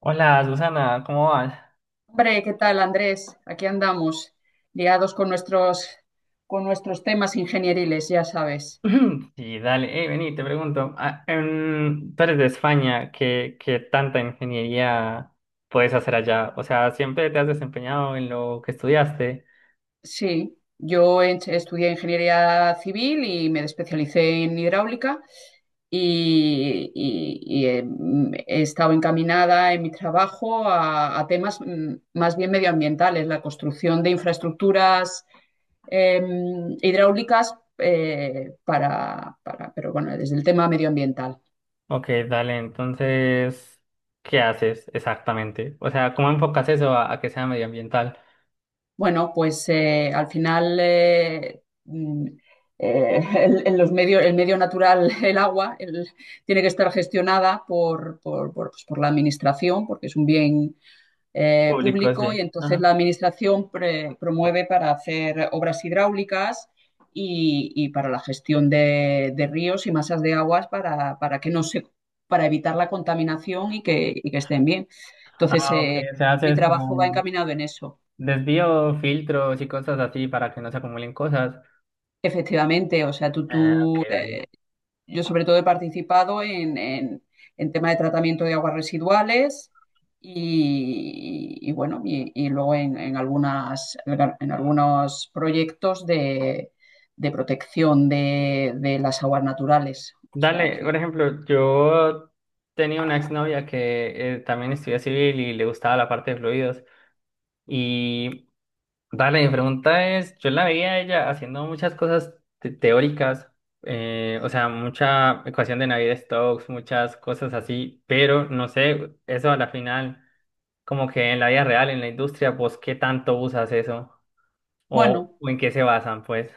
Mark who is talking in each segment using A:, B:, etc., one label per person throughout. A: Hola, Susana, ¿cómo vas?
B: Hombre, ¿qué tal, Andrés? Aquí andamos, liados con nuestros temas ingenieriles, ya sabes.
A: Sí, dale, hey, vení, te pregunto, tú eres de España, ¿qué tanta ingeniería puedes hacer allá? O sea, ¿siempre te has desempeñado en lo que estudiaste?
B: Sí, estudié ingeniería civil y me especialicé en hidráulica y he estado encaminada en mi trabajo a temas más bien medioambientales, la construcción de infraestructuras hidráulicas para, pero bueno, desde el tema medioambiental.
A: Ok, dale, entonces, ¿qué haces exactamente? O sea, ¿cómo enfocas eso a que sea medioambiental?
B: Bueno, pues al final en los medios, el medio natural, el agua, tiene que estar gestionada pues, por la administración, porque es un bien
A: Público,
B: público
A: sí.
B: y entonces
A: Ajá.
B: la administración promueve para hacer obras hidráulicas y para la gestión de ríos y masas de aguas para que no se, para evitar la contaminación y que estén bien. Entonces,
A: Ah, ok, o sea,
B: mi
A: haces
B: trabajo va
A: como
B: encaminado en eso.
A: desvío, filtros y cosas así para que no se acumulen cosas.
B: Efectivamente, o sea, tú,
A: Ah, ok,
B: tú,
A: dale.
B: eh, yo sobre todo he participado en tema de tratamiento de aguas residuales y bueno, y luego en algunas, en algunos proyectos de protección de las aguas naturales. O sea
A: Dale,
B: que,
A: por ejemplo, yo tenía una exnovia que también estudia civil y le gustaba la parte de fluidos. Y dale, mi pregunta es, yo la veía a ella haciendo muchas cosas teóricas, o sea, mucha ecuación de Navier-Stokes, muchas cosas así, pero no sé, eso a la final, como que en la vida real, en la industria, vos qué tanto usas eso o,
B: bueno,
A: o en qué se basan, pues.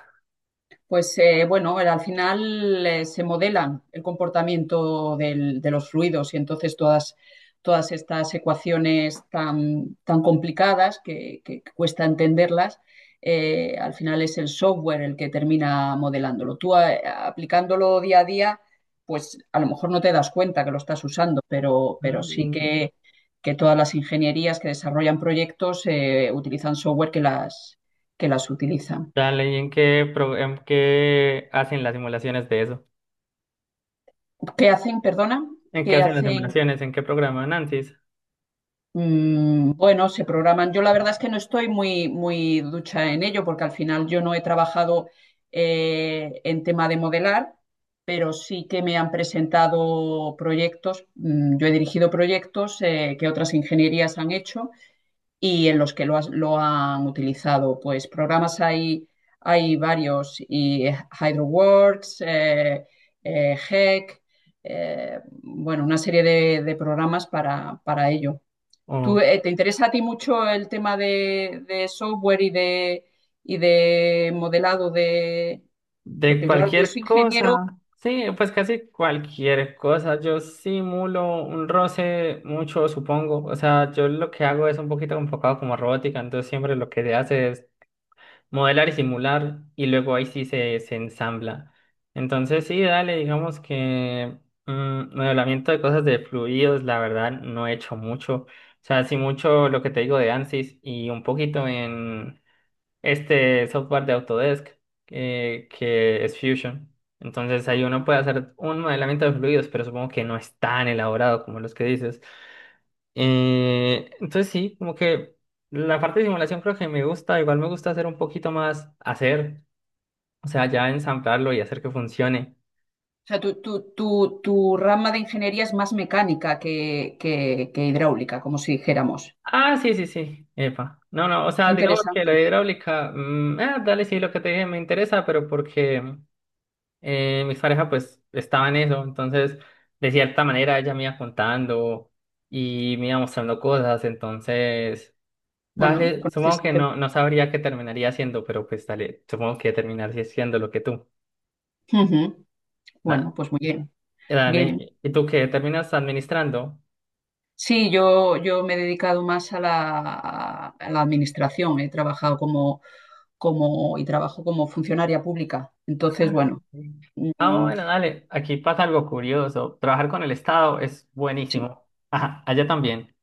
B: pues bueno, al final se modelan el comportamiento de los fluidos y entonces todas estas ecuaciones tan, tan complicadas que cuesta entenderlas, al final es el software el que termina modelándolo. Tú aplicándolo día a día, pues a lo mejor no te das cuenta que lo estás usando, pero sí
A: Mm.
B: que todas las ingenierías que desarrollan proyectos utilizan software que las utilizan.
A: Dale, ¿ en qué hacen las simulaciones de eso?
B: ¿Qué hacen? Perdona,
A: ¿En qué
B: ¿qué
A: hacen las
B: hacen?
A: simulaciones? ¿En qué programan ANSYS?
B: Bueno, se programan. Yo la verdad es que no estoy muy, muy ducha en ello porque al final yo no he trabajado en tema de modelar, pero sí que me han presentado proyectos. Yo he dirigido proyectos que otras ingenierías han hecho y en los que lo han utilizado. Pues programas hay, hay varios, y HydroWorks, Heck, bueno, una serie de programas para ello. ¿Tú,
A: O
B: te interesa a ti mucho el tema de software y de modelado de...
A: de
B: Porque claro, tú eres
A: cualquier
B: ingeniero, o
A: cosa. Sí, pues casi cualquier cosa. Yo simulo un roce mucho, supongo. O sea, yo lo que hago es un poquito enfocado como robótica, entonces siempre lo que se hace es modelar y simular y luego ahí sí se ensambla. Entonces sí, dale, digamos que modelamiento de cosas de fluidos, la verdad, no he hecho mucho. O sea, sí mucho lo que te digo de ANSYS y un poquito en... este software de Autodesk que es Fusion. Entonces ahí uno puede hacer un modelamiento de fluidos, pero supongo que no es tan elaborado como los que dices. Entonces sí, como que la parte de simulación creo que me gusta, igual me gusta hacer un poquito más, hacer, o sea, ya ensamblarlo y hacer que funcione.
B: sea, tu rama de ingeniería es más mecánica que, que hidráulica, como si dijéramos.
A: Ah, sí, sí, sí, epa. No, no, o
B: Qué
A: sea, digamos que la
B: interesante.
A: hidráulica, dale, sí, lo que te dije me interesa, pero porque... mis parejas pues estaban en eso, entonces de cierta manera ella me iba contando y me iba mostrando cosas, entonces
B: Bueno,
A: dale, supongo
B: conoces el
A: que
B: tema.
A: no sabría qué terminaría haciendo, pero pues dale, supongo que terminaría siendo lo que tú.
B: Ujú. Bueno,
A: Da-
B: pues muy bien. Bien.
A: Dale, ¿y tú qué terminas administrando?
B: Sí, yo me he dedicado más a la administración. He trabajado como, como y trabajo como funcionaria pública. Entonces,
A: Ajá.
B: bueno,
A: Ah,
B: mm,
A: bueno, dale, aquí pasa algo curioso. Trabajar con el Estado es
B: sí,
A: buenísimo. Ajá, allá también.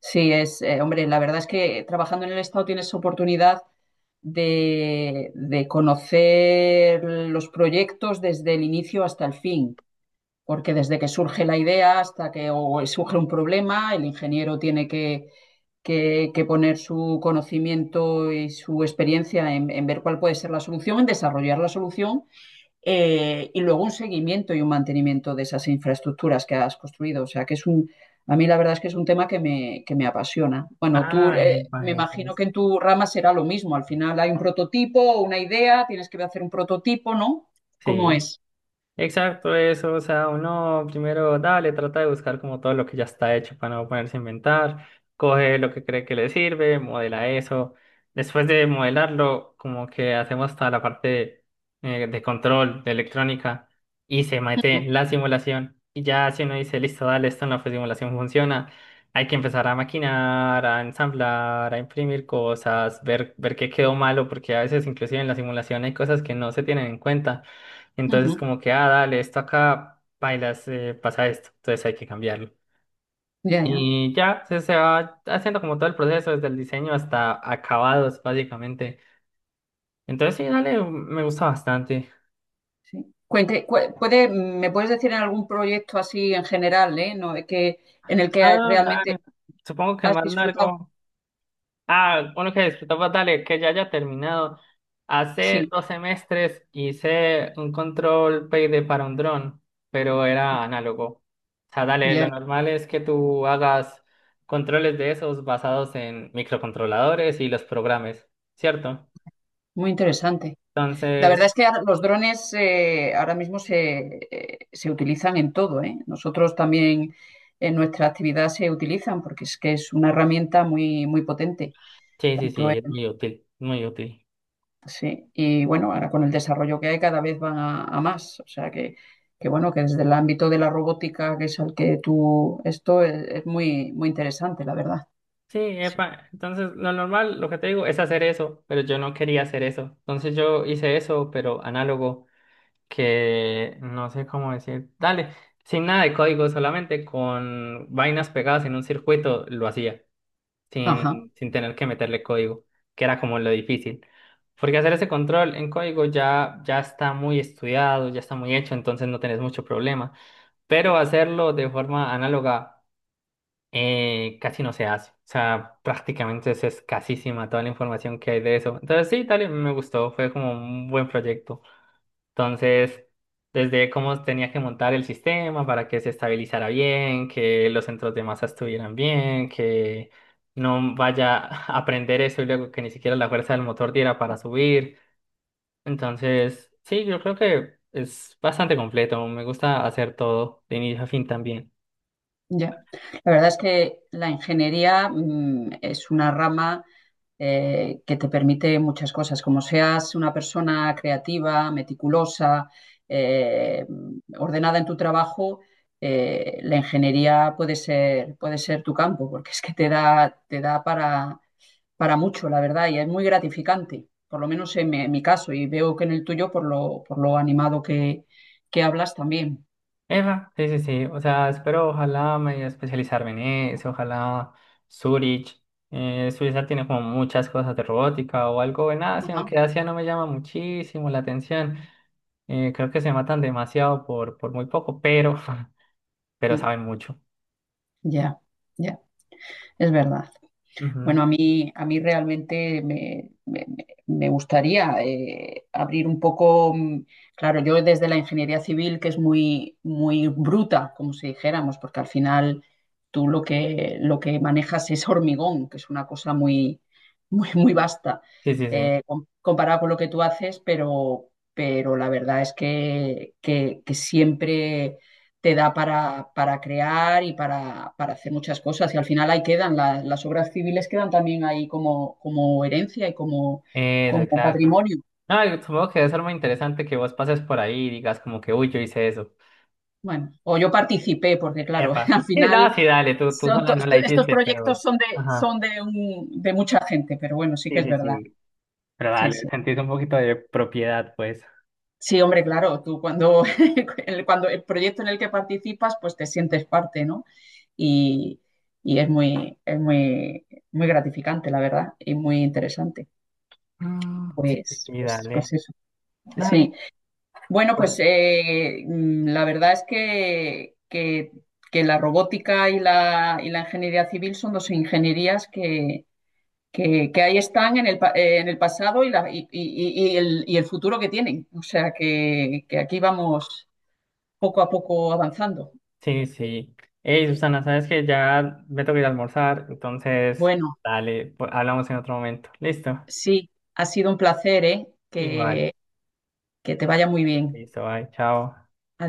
B: sí, hombre, la verdad es que trabajando en el Estado tienes oportunidad de conocer los proyectos desde el inicio hasta el fin. Porque desde que surge la idea hasta que o surge un problema, el ingeniero tiene que, que poner su conocimiento y su experiencia en ver cuál puede ser la solución, en desarrollar la solución y luego un seguimiento y un mantenimiento de esas infraestructuras que has construido. O sea, que es un, a mí la verdad es que es un tema que me apasiona. Bueno, tú
A: Ah, epa,
B: me
A: eso
B: imagino
A: es.
B: que en tu rama será lo mismo. Al final hay un prototipo, una idea, tienes que hacer un prototipo, ¿no? ¿Cómo
A: Sí.
B: es?
A: Exacto, eso, o sea, uno primero, dale, trata de buscar como todo lo que ya está hecho para no ponerse a inventar, coge lo que cree que le sirve, modela eso, después de modelarlo, como que hacemos toda la parte de control, de electrónica, y se mete en la simulación, y ya si uno dice, listo, dale, esto en la simulación funciona, hay que empezar a maquinar, a ensamblar, a imprimir cosas, ver qué quedó malo, porque a veces inclusive en la simulación hay cosas que no se tienen en cuenta. Entonces
B: Ujú.
A: como que, ah, dale, esto acá, bailas, pasa esto, entonces hay que cambiarlo.
B: Ya, ya.
A: Y ya se va haciendo como todo el proceso, desde el diseño hasta acabados, básicamente. Entonces sí, dale, me gusta bastante.
B: Sí. Cuente, ¿me puedes decir en algún proyecto así en general, eh? ¿No? De que, en el que
A: Ah,
B: realmente
A: dale. Supongo que el
B: has
A: más
B: disfrutado.
A: largo. Ah, uno que disfrutaba, dale, que ya haya terminado. Hace
B: Sí,
A: dos semestres hice un control PID para un dron, pero era análogo. O sea, dale, lo
B: ya,
A: normal es que tú hagas controles de esos basados en microcontroladores y los programas, ¿cierto?
B: muy interesante. La verdad es
A: Entonces,
B: que ahora los drones ahora mismo se utilizan en todo, ¿eh? Nosotros también en nuestra actividad se utilizan porque es que es una herramienta muy, muy potente.
A: sí, sí,
B: Tanto
A: sí, es muy útil, muy útil.
B: sí, y bueno, ahora con el desarrollo que hay cada vez van a más. O sea que bueno, que desde el ámbito de la robótica, que es al que tú, esto es muy, muy interesante, la verdad.
A: Sí,
B: Sí.
A: epa, entonces lo normal, lo que te digo, es hacer eso, pero yo no quería hacer eso. Entonces yo hice eso, pero análogo. Que no sé cómo decir, dale, sin nada de código, solamente con vainas pegadas en un circuito lo hacía,
B: Ajá.
A: sin tener que meterle código, que era como lo difícil. Porque hacer ese control en código ya está muy estudiado, ya está muy hecho, entonces no tenés mucho problema. Pero hacerlo de forma análoga casi no se hace. O sea, prácticamente es escasísima toda la información que hay de eso. Entonces sí, dale, me gustó, fue como un buen proyecto. Entonces, desde cómo tenía que montar el sistema para que se estabilizara bien, que los centros de masa estuvieran bien, que no vaya a aprender eso y luego que ni siquiera la fuerza del motor diera para subir. Entonces, sí, yo creo que es bastante completo. Me gusta hacer todo de inicio a fin también.
B: Ya, la verdad es que la ingeniería es una rama que te permite muchas cosas, como seas una persona creativa, meticulosa, eh, ordenada en tu trabajo, la ingeniería puede ser tu campo, porque es que te da para mucho, la verdad, y es muy gratificante, por lo menos en mi caso, y veo que en el tuyo, por lo animado que hablas también.
A: Eva, sí, sí, sí. O sea, espero, ojalá medio especializarme en eso, ojalá Zurich. Suiza tiene como muchas cosas de robótica o algo en Asia,
B: Ajá.
A: aunque Asia no me llama muchísimo la atención. Creo que se matan demasiado por muy poco, pero, pero
B: Mm,
A: saben mucho.
B: ya, ya. Es verdad.
A: Ujú.
B: Bueno, a mí realmente me gustaría abrir un poco, claro, yo desde la ingeniería civil, que es muy, muy bruta, como si dijéramos, porque al final tú lo que manejas es hormigón, que es una cosa muy, muy, muy vasta,
A: Sí, sí, sí.
B: comparado con lo que tú haces, pero la verdad es que, que siempre te da para crear y para, hacer muchas cosas. Y al final ahí quedan, la, las obras civiles quedan también ahí como, como herencia y como,
A: Eso,
B: como
A: exacto.
B: patrimonio.
A: No, y supongo que debe ser muy interesante que vos pases por ahí y digas como que, uy, yo hice eso.
B: Bueno, o yo participé, porque claro,
A: Epa.
B: al
A: Sí,
B: final
A: no, sí, dale, tú
B: son
A: sola
B: to-
A: no la
B: estos
A: hiciste,
B: proyectos
A: pero...
B: son de,
A: Ajá.
B: de mucha gente, pero bueno, sí
A: Sí,
B: que es
A: sí,
B: verdad.
A: sí. Pero
B: Sí,
A: dale,
B: sí.
A: sentís un poquito de propiedad, pues.
B: Sí, hombre, claro, tú cuando cuando el proyecto en el que participas, pues te sientes parte, ¿no? Y, y es muy, muy gratificante, la verdad, y muy interesante.
A: Mm, sí, sí,
B: Pues,
A: sí,
B: pues,
A: dale,
B: pues eso. Sí.
A: dale.
B: Bueno, pues
A: Bueno,
B: la verdad es que la robótica y la ingeniería civil son dos ingenierías que ahí están en el, en el pasado y, la, y el futuro que tienen. O sea que aquí vamos poco a poco avanzando.
A: sí, sí. Hey, Susana, sabes que ya me tengo que ir a almorzar, entonces,
B: Bueno,
A: dale, pues, hablamos en otro momento. Listo.
B: sí, ha sido un placer, ¿eh?
A: Igual.
B: Que te vaya muy bien.
A: Listo, bye, chao.
B: Adiós.